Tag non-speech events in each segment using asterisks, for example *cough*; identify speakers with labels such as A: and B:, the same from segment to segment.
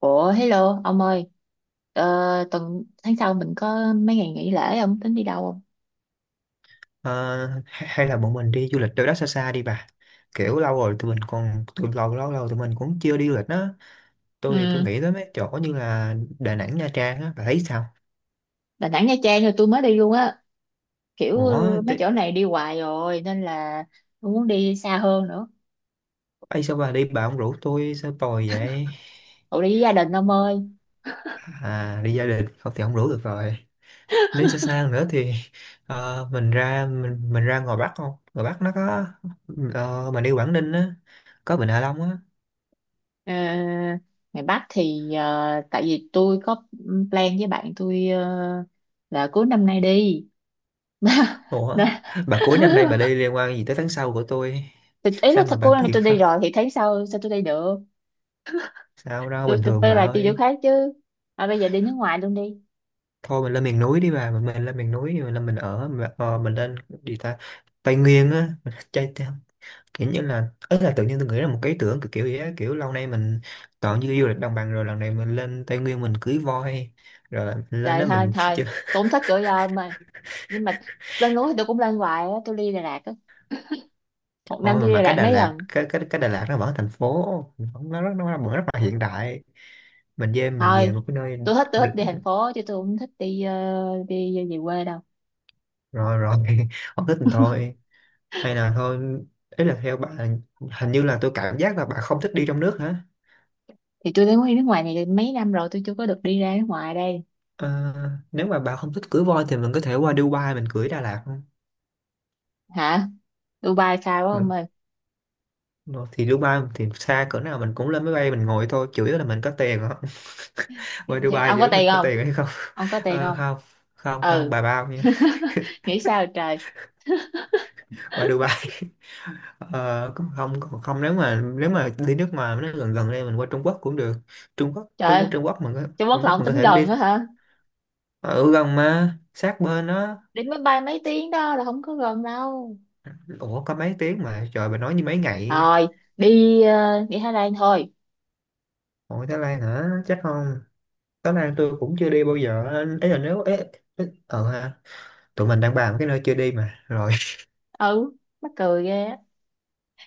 A: Ủa, hello ông ơi. ờ, Tuần tháng sau mình có mấy ngày nghỉ lễ, ông tính đi đâu không?
B: Ờ, hay hay là bọn mình đi du lịch đâu đó xa xa đi bà. Kiểu lâu rồi tụi mình còn tụi lâu lâu lâu tụi mình cũng chưa đi du lịch á. Tôi
A: Ừ,
B: nghĩ tới mấy chỗ như là Đà Nẵng, Nha Trang á, bà thấy sao?
A: Đà Nẵng Nha Trang rồi tôi mới đi luôn á. Kiểu
B: ủa
A: mấy
B: tôi,
A: chỗ này đi hoài rồi nên là tôi muốn đi xa hơn nữa.
B: Ấy sao bà đi bà không rủ tôi sao tồi vậy?
A: Ủa, đi với gia đình ông ơi.
B: À đi gia đình không thì không rủ được rồi. Nếu xa xa nữa thì mình ra mình ra ngoài Bắc. Không, ngoài Bắc nó có mình đi Quảng Ninh á, có Vịnh Hạ Long á.
A: Ờ, ngày Bắc thì tại vì tôi có plan với bạn tôi, là cuối năm nay đi. *laughs*
B: Ủa,
A: Nên-
B: bà cuối năm nay bà đi liên quan gì tới tháng sau của tôi?
A: thì ý là
B: Sao mà
A: cô
B: bà
A: này
B: kiệt
A: tôi đi
B: sao?
A: rồi thì tháng sau sao tôi đi được.
B: Sao đâu,
A: tôi
B: bình
A: tôi
B: thường
A: phải
B: bà
A: là đi chỗ
B: ơi.
A: khác chứ. À, bây giờ đi nước ngoài luôn đi.
B: Thôi mình lên miền núi đi bà, mình lên miền núi, mình lên mình ở, mình, mình lên gì ta? Tây Nguyên á, mình chơi theo. Kiểu như là, ấy là tự nhiên tôi nghĩ là một cái ý tưởng kiểu kiểu vậy á, kiểu lâu nay mình toàn như du lịch đồng bằng, rồi lần này mình lên Tây Nguyên mình cưới voi, rồi là mình lên
A: Trời,
B: đó
A: thôi
B: mình *laughs*
A: thôi.
B: chơi.
A: Tôi không thích gửi ôm mà. Nhưng mà lên núi thì tôi cũng lên hoài á. Tôi đi Đà Lạt á. Một năm
B: Thôi mà,
A: tôi đi Đà
B: cái
A: Lạt
B: Đà
A: mấy
B: Lạt,
A: lần.
B: cái Đà Lạt nó vẫn thành phố, nó vẫn rất là hiện đại. Mình về
A: Thôi,
B: một cái nơi.
A: tôi thích đi thành phố chứ tôi không thích đi đi về quê đâu.
B: Rồi rồi *laughs* không thích thì thôi. Hay là thôi, ý là theo bạn, hình như là tôi cảm giác là bạn không thích đi trong nước hả?
A: Thì tôi đến đi nước ngoài này mấy năm rồi. Tôi chưa có được đi ra nước ngoài đây.
B: Ờ, Nếu mà bạn không thích cưỡi voi thì mình có thể qua Dubai mình cưỡi Đà Lạt không?
A: Hả? Dubai xa quá ông
B: Mà-
A: ơi.
B: Rồi thì Dubai thì xa cỡ nào mình cũng lên máy bay mình ngồi thôi, chủ yếu là mình có tiền không. *laughs*
A: thì,
B: Qua
A: thì
B: Dubai
A: ông có
B: giữa mình
A: tiền
B: có
A: không?
B: tiền hay không.
A: Ông có
B: *laughs*
A: tiền không?
B: Không, không không
A: Ừ,
B: bà bao nha,
A: nghĩ sao trời.
B: qua Dubai. *laughs* Ờ, Cũng không, còn không, nếu mà đi nước ngoài nó gần gần đây mình qua Trung Quốc cũng được.
A: Trời ơi,
B: Trung Quốc mình có,
A: Trung Quốc
B: Trung
A: là
B: Quốc
A: ông
B: mình có
A: tính
B: thể đi
A: gần á hả?
B: ở gần mà sát bên đó.
A: Đi máy bay mấy tiếng đó là không có gần đâu.
B: Ủa có mấy tiếng mà trời bà nói như mấy ngày.
A: Thôi, đi đi Thái Lan thôi.
B: Ủa Thái Lan hả, chắc không? Thái Lan tôi cũng chưa đi bao giờ. Ấy là nếu ấy, ấy, ờ ha Tụi mình đang bàn cái nơi chưa đi mà rồi.
A: Ừ, mắc cười ghê á.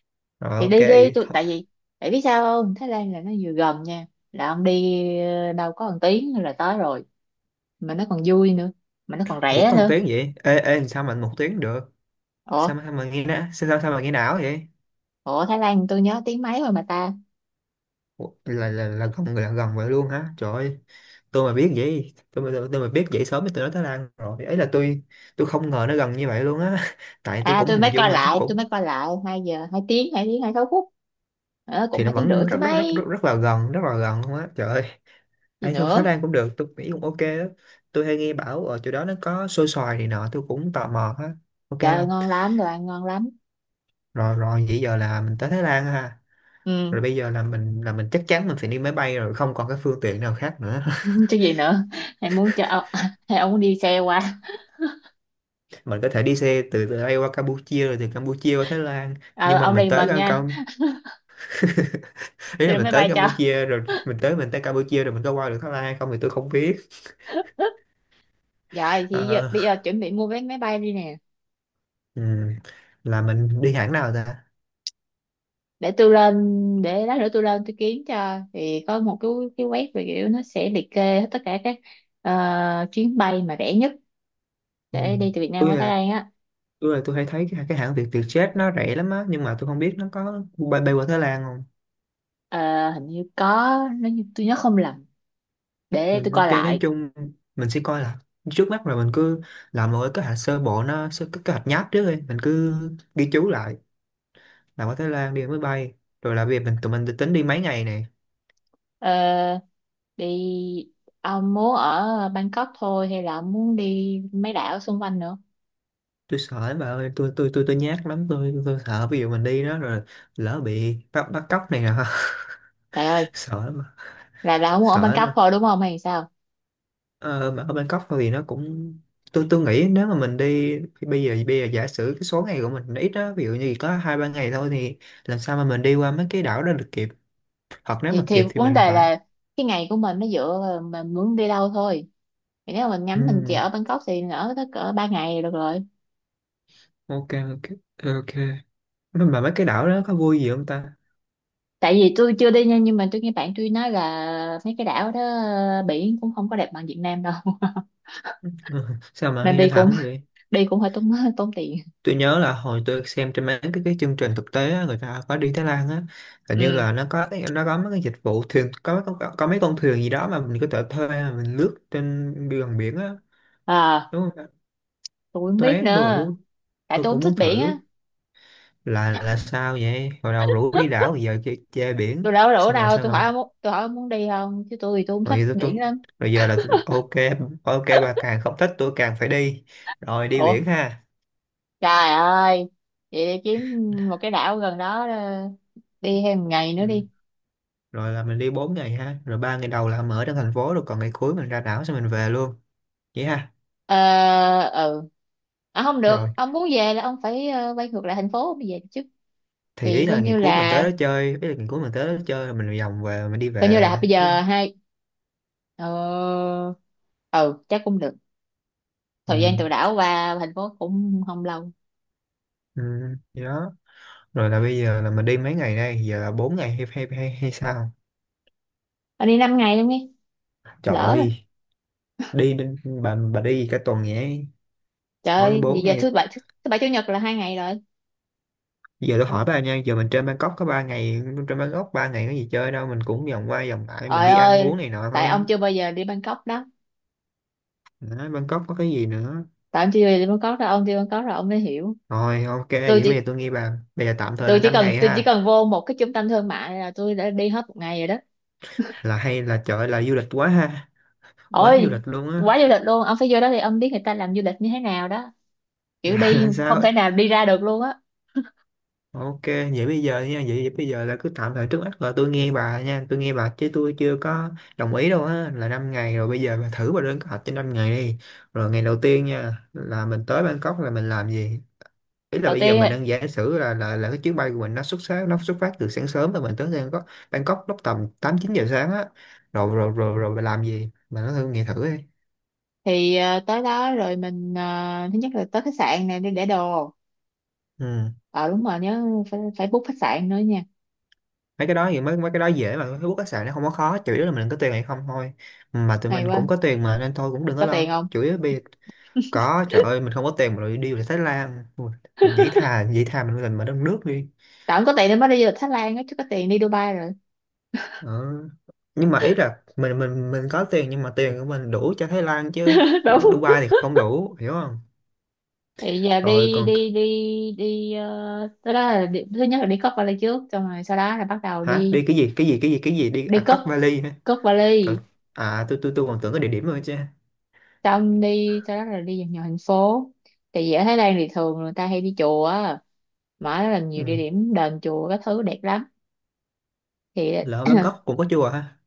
B: *laughs* Rồi
A: Thì
B: ok
A: đi đi,
B: vậy
A: tôi
B: thôi.
A: tại vì tại biết sao không, Thái Lan là nó vừa gần nha, là ông đi đâu có một tiếng là tới rồi, mà nó còn vui nữa, mà nó còn
B: Ủa
A: rẻ
B: còn
A: nữa.
B: tiếng vậy, ê ê sao mình một tiếng được?
A: Ủa.
B: Sao mà nghe nã, sao sao sao mà nghe não vậy?
A: Ủa, Thái Lan tôi nhớ tiếng mấy rồi mà ta.
B: Ủa, là gần, là gần vậy luôn hả trời ơi. Tôi mà biết vậy sớm thì tôi nói Thái Lan rồi. Ấy là Tôi không ngờ nó gần như vậy luôn á. *laughs* Tại tôi
A: À,
B: cũng
A: tôi
B: hình
A: mới
B: dung
A: coi
B: là chắc
A: lại tôi
B: cũng.
A: mới coi lại 2 giờ, 2 tiếng, 26 phút. Cũng
B: Thì nó
A: 2 tiếng rưỡi
B: vẫn
A: chứ
B: rất rất rất rất,
A: mấy.
B: rất là gần, luôn á trời ơi.
A: Gì
B: Ăn thơm Thái
A: nữa.
B: Lan cũng được, tôi nghĩ cũng ok đó. Tôi hay nghe bảo ở chỗ đó nó có xôi xoài này nọ, tôi cũng tò mò á. Ok
A: Trời ơi,
B: không?
A: ngon lắm, đồ ăn ngon lắm.
B: Rồi rồi, vậy giờ là mình tới Thái Lan ha.
A: Ừ.
B: Rồi bây giờ là mình chắc chắn mình phải đi máy bay rồi, không còn cái phương tiện nào khác nữa. *laughs*
A: *laughs* Chứ gì nữa. Hay muốn cho *laughs* hay ông muốn đi xe qua?
B: Mình có thể đi xe từ từ đây qua Campuchia rồi từ Campuchia qua Thái Lan.
A: Ờ,
B: Nhưng mà
A: ông
B: mình
A: đi
B: tới
A: mình
B: Cam
A: nha.
B: Cam *laughs* ý là
A: Tôi đi
B: mình
A: máy
B: tới
A: bay cho.
B: Campuchia rồi mình tới Campuchia rồi mình có qua được Thái Lan hay không thì tôi không biết.
A: Dạ thì giờ,
B: Ờ,
A: bây giờ chuẩn bị mua vé máy bay đi nè.
B: ừm, là mình đi hãng nào ta?
A: Để tôi lên, để lát nữa tôi lên tôi kiếm cho, thì có một cái web, về kiểu nó sẽ liệt kê hết tất cả các chuyến bay mà rẻ nhất
B: Ừ.
A: để đi từ Việt Nam
B: Tôi
A: qua Thái
B: là
A: Lan á.
B: tôi hay thấy cái hãng Việt Vietjet nó rẻ lắm á, nhưng mà tôi không biết nó có bay qua Thái Lan không.
A: Ờ, hình như có, nếu như tôi nhớ không lầm. Để tôi
B: Ừ,
A: coi
B: ok nói
A: lại.
B: chung mình sẽ coi là trước mắt rồi mình cứ làm một cái kế hoạch sơ bộ, nó sơ cái kế hoạch nháp trước đi, mình cứ ghi chú lại làm ở Thái Lan đi máy bay, rồi là việc tụi mình tính đi mấy ngày này.
A: Ờ, đi. Ông muốn ở Bangkok thôi hay là ông muốn đi mấy đảo xung quanh nữa?
B: Tôi sợ lắm bà ơi, tôi nhát lắm. Tôi sợ ví dụ mình đi đó rồi lỡ bị bắt bắt cóc này nọ.
A: Trời ơi.
B: *laughs* Sợ lắm,
A: Là ông muốn ở
B: sợ
A: Bangkok
B: lắm.
A: thôi đúng không hay sao?
B: Ờ, mà ở Bangkok thôi thì nó cũng, tôi nghĩ nếu mà mình đi thì bây giờ giả sử cái số ngày của mình nó ít đó, ví dụ như chỉ có hai ba ngày thôi thì làm sao mà mình đi qua mấy cái đảo đó được kịp, hoặc nếu
A: thì
B: mà
A: thì
B: kịp thì
A: vấn
B: mình
A: đề
B: phải...
A: là cái ngày của mình nó dựa vào mình muốn đi đâu thôi. Thì nếu mà mình ngắm mình chỉ
B: ừ,
A: ở Bangkok thì ở tới cỡ 3 ngày là được rồi.
B: ok. Ok ok. Mà mấy cái đảo đó có vui gì không ta?
A: Tại vì tôi chưa đi nha, nhưng mà tôi nghe bạn tôi nói là mấy cái đảo đó biển cũng không có đẹp bằng Việt Nam đâu.
B: Ừ, *laughs* sao
A: *laughs*
B: mà
A: Nên
B: nghe nó thảm vậy.
A: đi cũng hơi tốn, tốn tiền.
B: Tôi nhớ là hồi tôi xem trên cái chương trình thực tế á, người ta có đi Thái Lan á. Hình như
A: Ừ.
B: là nó có mấy cái dịch vụ thuyền, có mấy con thuyền gì đó mà mình có thể thuê mà mình lướt trên gần biển á,
A: À,
B: đúng không?
A: tôi không biết
B: Thế tôi cũng
A: nữa.
B: muốn,
A: Tại tôi không thích biển
B: thử.
A: á.
B: Là sao vậy, hồi đầu rủ đi đảo bây giờ chơi chơi
A: Tôi
B: biển.
A: đâu có rủ đâu,
B: Sao mà
A: tôi hỏi ông muốn đi không, chứ tôi thì tôi không thích
B: Rồi giờ tôi,
A: biển lắm.
B: rồi giờ là ok. Ok bà càng không thích tôi càng phải đi, rồi đi
A: Ủa.
B: biển ha.
A: Trời ơi. Vậy đi kiếm một cái đảo gần đó, đi thêm một ngày nữa
B: Ừ.
A: đi.
B: Rồi là mình đi bốn ngày ha, rồi ba ngày đầu là mình ở trong thành phố rồi còn ngày cuối mình ra đảo xong mình về luôn, vậy ha.
A: Ờ, ừ. À, không
B: Rồi
A: được, ông muốn về là ông phải quay ngược lại thành phố ông mới về được chứ.
B: thì
A: Thì
B: ý là ngày cuối mình tới đó chơi, ý là ngày cuối mình tới đó chơi rồi mình vòng về mình đi
A: coi như
B: về
A: là bây
B: chứ
A: giờ
B: không.
A: hai, ờ, ừ, chắc cũng được. Thời gian
B: Ừ.
A: từ đảo qua thành phố cũng không lâu.
B: Ừ. Vậy đó, rồi là bây giờ là mình đi mấy ngày đây, giờ là 4 ngày hay sao?
A: Anh đi 5 ngày luôn đi.
B: Trời
A: Lỡ rồi.
B: ơi, bà đi cả tuần vậy.
A: Trời
B: Hỏi
A: ơi vì
B: 4
A: giờ
B: ngày.
A: thứ bảy, thứ bảy chủ nhật là 2 ngày rồi.
B: Giờ tôi hỏi bà nha, giờ mình trên Bangkok có 3 ngày, trên Bangkok 3 ngày có gì chơi đâu, mình cũng vòng qua vòng lại mình
A: Trời
B: đi ăn
A: ơi.
B: uống này nọ
A: Tại ông
B: thôi.
A: chưa bao giờ đi Bangkok đó.
B: Đó, Bangkok có cái gì nữa.
A: Tại ông chưa bao giờ đi Bangkok đó, ông đi Bangkok rồi ông mới hiểu.
B: Rồi ok,
A: tôi
B: vậy bây
A: chỉ
B: giờ tôi nghe bà, bây giờ tạm thời
A: tôi
B: là
A: chỉ
B: 5
A: cần
B: ngày
A: tôi chỉ
B: ha.
A: cần vô một cái trung tâm thương mại là tôi đã đi hết một ngày rồi đó.
B: Là hay là trời ơi, là du lịch quá ha, quá du
A: Ôi,
B: lịch luôn á.
A: quá
B: *laughs*
A: du lịch luôn, ông phải vô đó thì ông biết người ta làm du lịch như thế nào đó. Kiểu đi
B: Là
A: không thể
B: sao?
A: nào đi ra được luôn á.
B: Ok, vậy bây giờ nha, vậy bây giờ là cứ tạm thời trước mắt là tôi nghe bà nha, tôi nghe bà chứ tôi chưa có đồng ý đâu á, là 5 ngày rồi bây giờ bà thử bà lên kế hoạch cho 5 ngày đi. Rồi ngày đầu tiên nha, là mình tới Bangkok là mình làm gì? Ý là
A: Đầu
B: bây giờ mình
A: tiên
B: đang giả sử là cái chuyến bay của mình nó xuất phát từ sáng sớm và mình tới Bangkok Bangkok lúc tầm 8 9 giờ sáng á. Rồi rồi rồi Rồi bà làm gì? Bà nói thử, nghe thử đi.
A: thì tới đó rồi mình thứ nhất là tới khách sạn này đi để đồ.
B: Ừ.
A: Ờ, đúng rồi nhớ, phải phải book khách sạn nữa nha.
B: Mấy cái đó thì mấy mấy cái đó dễ mà, Facebook các sàn nó không có khó, chủ yếu là mình có tiền hay không thôi, mà tụi
A: Hay
B: mình cũng
A: quá.
B: có tiền mà, nên thôi cũng đừng có
A: Có tiền
B: lo
A: không?
B: chủ yếu bây giờ. Có trời ơi, mình không có tiền mà rồi đi về Thái Lan. Ui, dĩ thà mình mà đất nước đi.
A: Tại không có tiền nên mới đi du lịch Thái Lan á, chứ có tiền đi Dubai rồi.
B: Ờ. Nhưng mà ý là mình có tiền, nhưng mà tiền của mình đủ cho Thái Lan chứ
A: *laughs* Đúng.
B: Dubai thì không đủ, hiểu không.
A: Thì giờ
B: Rồi
A: đi
B: còn,
A: đi đi. Đi tới đó là đi, thứ nhất là đi cất vali trước xong rồi sau đó là bắt đầu
B: hả
A: đi.
B: đi cái gì đi
A: Đi
B: à,
A: cất
B: cất vali hả
A: cất
B: trời.
A: vali,
B: À tôi còn tưởng cái địa điểm rồi chứ.
A: xong đi sau đó là đi vòng nhiều thành phố. Tại vì ở Thái Lan thì thường người ta hay đi chùa á. Mà nó là nhiều địa
B: Ừ.
A: điểm đền chùa các thứ đẹp lắm. Thì
B: Lỡ
A: *clears throat*
B: Bangkok cũng có chùa ha.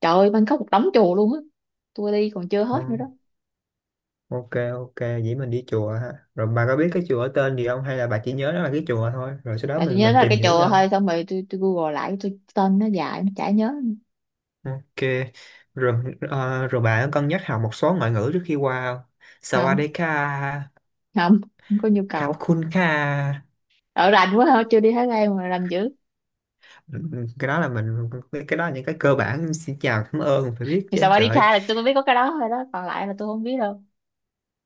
A: trời ơi, Bangkok một đống chùa luôn á. Tôi đi còn chưa
B: Ừ.
A: hết nữa đó.
B: OK, ok, vậy mình đi chùa ha. Rồi bà có biết cái chùa ở tên gì không, hay là bà chỉ nhớ đó là cái chùa thôi, rồi sau đó
A: À, tôi
B: mình
A: nhớ
B: mình
A: đó là
B: tìm
A: cái
B: hiểu
A: chùa
B: sao?
A: thôi, xong rồi tôi google lại, tôi tên nó dài nó chả nhớ.
B: OK. Rồi bà có cân nhắc học một số ngoại ngữ trước khi qua không?
A: Không.
B: Sawadeka.
A: Không. Không có nhu cầu.
B: Kapkunka.
A: Ở rành quá hả, chưa đi Thái Lan mà rành dữ.
B: Cái đó là những cái cơ bản, xin chào, cảm ơn, mình phải biết
A: Thì
B: chứ
A: sao đi
B: trời.
A: Kha là tôi cũng biết có cái đó thôi đó, còn lại là tôi không biết đâu.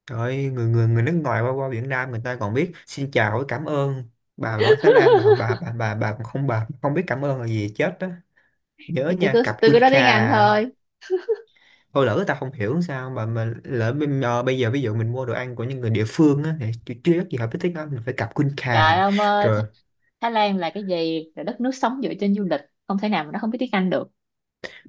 B: Trời, người người người nước ngoài qua qua Việt Nam người ta còn biết xin chào với cảm ơn. Bà Thái
A: *laughs*
B: Lan, bà còn không, bà không biết cảm ơn là gì chết đó. Nhớ
A: Thì tôi
B: nha,
A: cứ tôi cứ nói tiếng Anh
B: Kapkunka.
A: thôi.
B: Thôi lỡ người ta không hiểu sao mà bây giờ ví dụ mình mua đồ ăn của những người địa phương á, thì chưa chắc gì hợp với tiếng Anh, mình phải cặp khuôn
A: Trời
B: khà.
A: ông ơi,
B: Rồi.
A: Thái Lan là cái gì, là đất nước sống dựa trên du lịch, không thể nào mà nó không biết tiếng Anh được.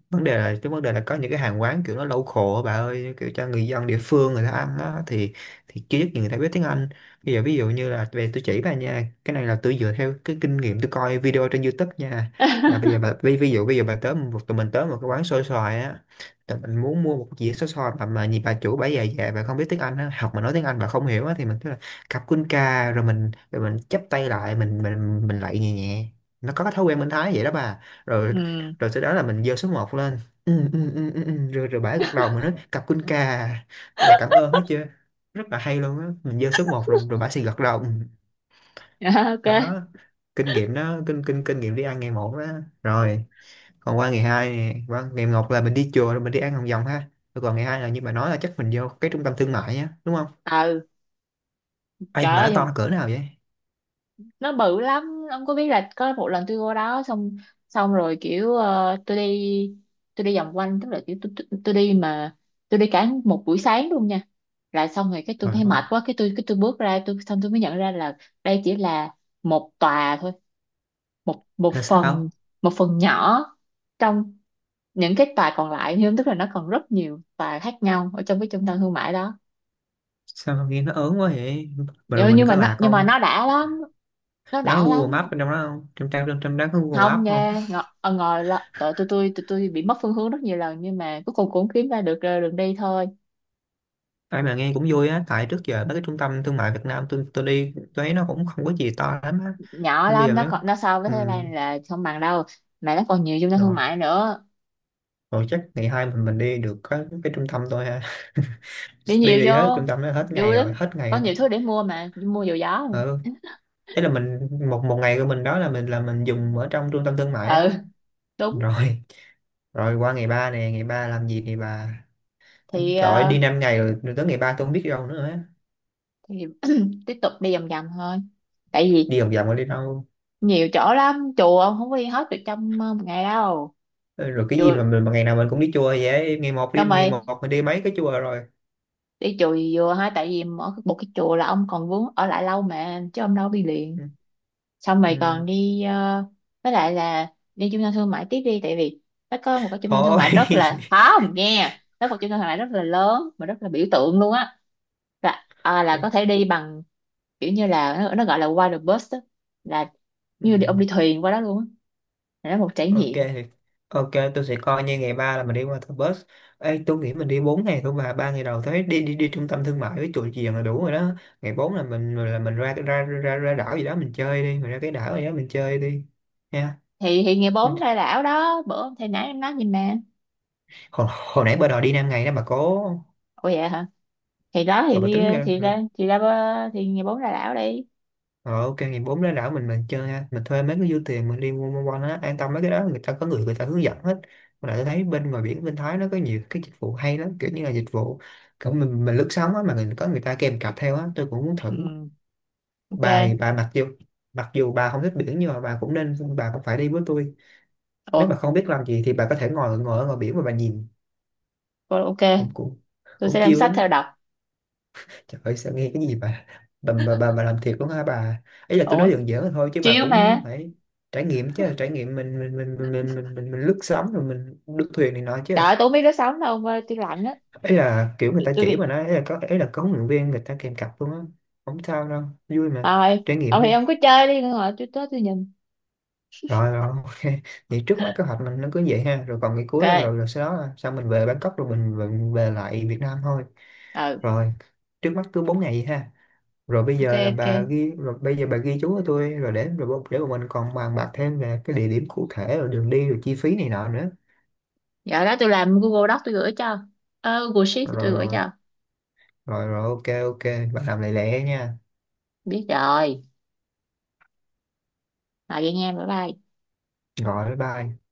B: Vấn đề là, cái vấn đề là có những cái hàng quán kiểu nó local á bà ơi, kiểu cho người dân địa phương người ta ăn á thì chưa chắc gì người ta biết tiếng Anh. Bây giờ ví dụ như là, về tôi chỉ bà nha, cái này là tôi dựa theo cái kinh nghiệm tôi coi video trên YouTube nha. Là bây giờ
A: *laughs*
B: bà ví dụ bây giờ bà tới một, tụi mình tới một cái quán xôi xoài á, tụi mình muốn mua một dĩa xôi xoài mà nhìn bà chủ bà già già, bà không biết tiếng Anh á, học mà nói tiếng Anh bà không hiểu á, thì mình cứ là cặp quân ca, rồi mình chắp tay lại, mình lại nhẹ nhẹ. Nó có cái thói quen bên Thái vậy đó bà. Rồi.
A: Ừ.
B: Rồi sau đó là mình giơ số 1 lên. Ừ, ừ, ừ, ừ, ừ. rồi rồi bả gật đầu, mình nói cặp quân cà là cảm ơn hết chưa. Rất là hay luôn á, mình giơ số một rồi rồi bả sẽ gật đầu ừ.
A: *laughs* Ok.
B: Đó. Kinh nghiệm đó, kinh kinh kinh nghiệm đi ăn ngày 1 đó. Rồi. Còn qua ngày 2 nè, qua ngày 1 là mình đi chùa rồi mình đi ăn Hồng Vòng ha, rồi còn ngày 2 là như bà nói là chắc mình vô cái trung tâm thương mại á đúng không?
A: Ừ.
B: Ai mà nó
A: Trời ơi.
B: to cỡ nào vậy?
A: Nó bự lắm, ông có biết là có một lần tôi qua đó xong, xong rồi kiểu tôi đi, tôi đi vòng quanh, tức là kiểu tôi đi mà tôi đi cả một buổi sáng luôn nha. Là xong rồi cái tôi
B: Trời
A: thấy mệt
B: ơi.
A: quá, cái tôi bước ra, tôi xong tôi mới nhận ra là đây chỉ là một tòa thôi, một một
B: Là
A: phần,
B: sao?
A: một phần nhỏ trong những cái tòa còn lại, nhưng tức là nó còn rất nhiều tòa khác nhau ở trong cái trung tâm thương mại đó.
B: Sao mà nghe nó ớn quá vậy? Mà rồi
A: nhưng,
B: mình
A: nhưng mà
B: có
A: nó,
B: lạc
A: nhưng mà
B: không?
A: nó đã lắm. Nó
B: Nó
A: đã
B: Google
A: lắm.
B: Maps bên trong đó không, trong trang, trong trong đó có Google
A: Không
B: Maps không?
A: nha, ngồi, ngồi là- tụi tôi bị mất phương hướng rất nhiều lần, nhưng mà cuối cùng cũng kiếm ra được đường đi thôi.
B: Ai mà nghe cũng vui á, tại trước giờ mấy cái trung tâm thương mại Việt Nam tôi đi tôi thấy nó cũng không có gì to lắm á.
A: Nhỏ
B: Nên bây giờ
A: lắm, nó
B: nếu
A: còn nó so với Thái Lan
B: ừm,
A: là không bằng đâu. Mà nó còn nhiều trung tâm thương
B: rồi,
A: mại nữa.
B: rồi chắc ngày 2 mình đi được cái trung tâm thôi ha. *laughs*
A: Đi
B: Đi
A: nhiều
B: đi
A: vô,
B: hết trung tâm đó, hết ngày
A: vui lắm,
B: rồi, hết ngày
A: có
B: rồi.
A: nhiều thứ để mua, mà mua dầu gió.
B: Ừ. Thế là mình, một một ngày của mình đó là mình dùng ở trong trung tâm thương mại
A: Ừ,
B: á.
A: đúng.
B: Rồi, rồi qua ngày 3 nè, ngày 3 làm gì ngày 3?
A: thì
B: Trời ơi,
A: ờ,
B: đi 5 ngày rồi, rồi tới ngày 3 tôi không biết đi đâu nữa á.
A: thì *clears throat* tiếp tục đi vòng vòng thôi, tại vì
B: Đi vòng vòng rồi đi đâu?
A: nhiều chỗ lắm, chùa ông không có đi hết được trong một ngày đâu.
B: Ừ, rồi cái gì
A: Chùa,
B: mà mình mà ngày nào mình cũng đi chùa vậy, ngày 1 đi,
A: xong
B: ngày
A: rồi
B: một mình đi mấy cái chùa rồi.
A: đi chùa gì vừa ha, tại vì ở một cái chùa là ông còn vướng ở lại lâu mà, chứ ông đâu đi liền.
B: Ừ,
A: Xong rồi còn
B: ừ,
A: đi với lại là đi trung tâm thương mại tiếp đi, tại vì nó có một cái trung tâm thương
B: thôi.
A: mại rất là, không, nghe nó có một trung tâm thương mại rất là lớn mà rất là biểu tượng luôn á, là à, là có thể
B: *laughs*
A: đi bằng kiểu như là nó gọi là water bus á, là
B: Ừ,
A: như đi, ông đi thuyền qua đó luôn á, là nó một trải
B: ok,
A: nghiệm.
B: ok, tôi sẽ coi như ngày 3 là mình đi qua thờ bus. Ê, tôi nghĩ mình đi 4 ngày thôi, mà 3 ngày đầu thấy đi đi đi trung tâm thương mại với chùa chiền là đủ rồi đó. Ngày 4 là mình ra đảo gì đó mình chơi đi, mình ra cái đảo gì đó mình chơi đi, nha.
A: Thì ngày 4 ra đảo đó, bữa hôm thầy nãy em nói gì mà.
B: Hồi nãy bà đòi đi 5 ngày đó bà cố.
A: Ủa, vậy hả? Thì đó thì
B: Rồi bà
A: đi.
B: tính ra.
A: Thì ngày 4 ra đảo đi.
B: Ờ, ok, ngày 4 ra đảo mình chơi ha, mình thuê mấy cái du thuyền mình đi quanh quanh quanh á, an tâm mấy cái đó người ta có người người ta hướng dẫn hết. Mà lại tôi thấy bên ngoài biển bên Thái nó có nhiều cái dịch vụ hay lắm, kiểu như là dịch vụ kiểu mình lướt sóng á, mà có người ta kèm cặp theo á, tôi cũng muốn thử.
A: Ừ, ok.
B: Bà, mặc dù bà không thích biển nhưng mà bà cũng phải đi với tôi.
A: Ủa.
B: Nếu bà không biết làm gì thì bà có thể ngồi ngồi ở ngoài biển mà bà nhìn,
A: Ok,
B: cũng cũng
A: tôi sẽ
B: cũng
A: đem
B: chill
A: sách
B: lắm á.
A: theo đọc.
B: Trời ơi sao nghe cái gì bà, bà làm thiệt luôn hả bà? Ấy là tôi
A: Ủa,
B: nói giỡn giỡn thôi chứ bà
A: chiếu mà.
B: cũng phải trải nghiệm chứ, trải nghiệm mình lướt sóng rồi mình lướt thuyền này nọ chứ.
A: Trời ơi, tôi không biết đứa sống đâu mà tôi lạnh á.
B: Ấy là kiểu người
A: tôi,
B: ta
A: tôi
B: chỉ
A: bị,
B: mà nói, ấy là có huấn luyện viên người ta kèm cặp luôn á. Không sao đâu, vui mà,
A: thôi,
B: trải nghiệm
A: ông
B: đi.
A: thì ông cứ chơi đi rồi tôi tới tôi nhìn.
B: Rồi rồi *laughs* OK. Vậy trước mắt kế hoạch mình nó cứ vậy ha, rồi còn ngày cuối là,
A: Ok.
B: rồi rồi sau đó là sao, mình về Bangkok rồi mình về lại Việt Nam thôi.
A: Ừ.
B: Rồi, trước mắt cứ 4 ngày vậy ha. Rồi bây
A: Ok,
B: giờ là
A: ok.
B: bà ghi rồi bây giờ bà ghi chú cho tôi rồi để để bọn mình còn bàn bạc thêm về cái địa điểm cụ thể, rồi đường đi, rồi chi phí này nọ nữa.
A: Giờ đó tôi làm Google Doc tôi gửi cho, Google Sheet tôi
B: Rồi
A: gửi
B: rồi
A: cho.
B: rồi rồi, ok, ok. Bà làm lẹ lẹ nha.
A: Biết rồi. Rồi vậy nha, bye bye.
B: Rồi, bye bye.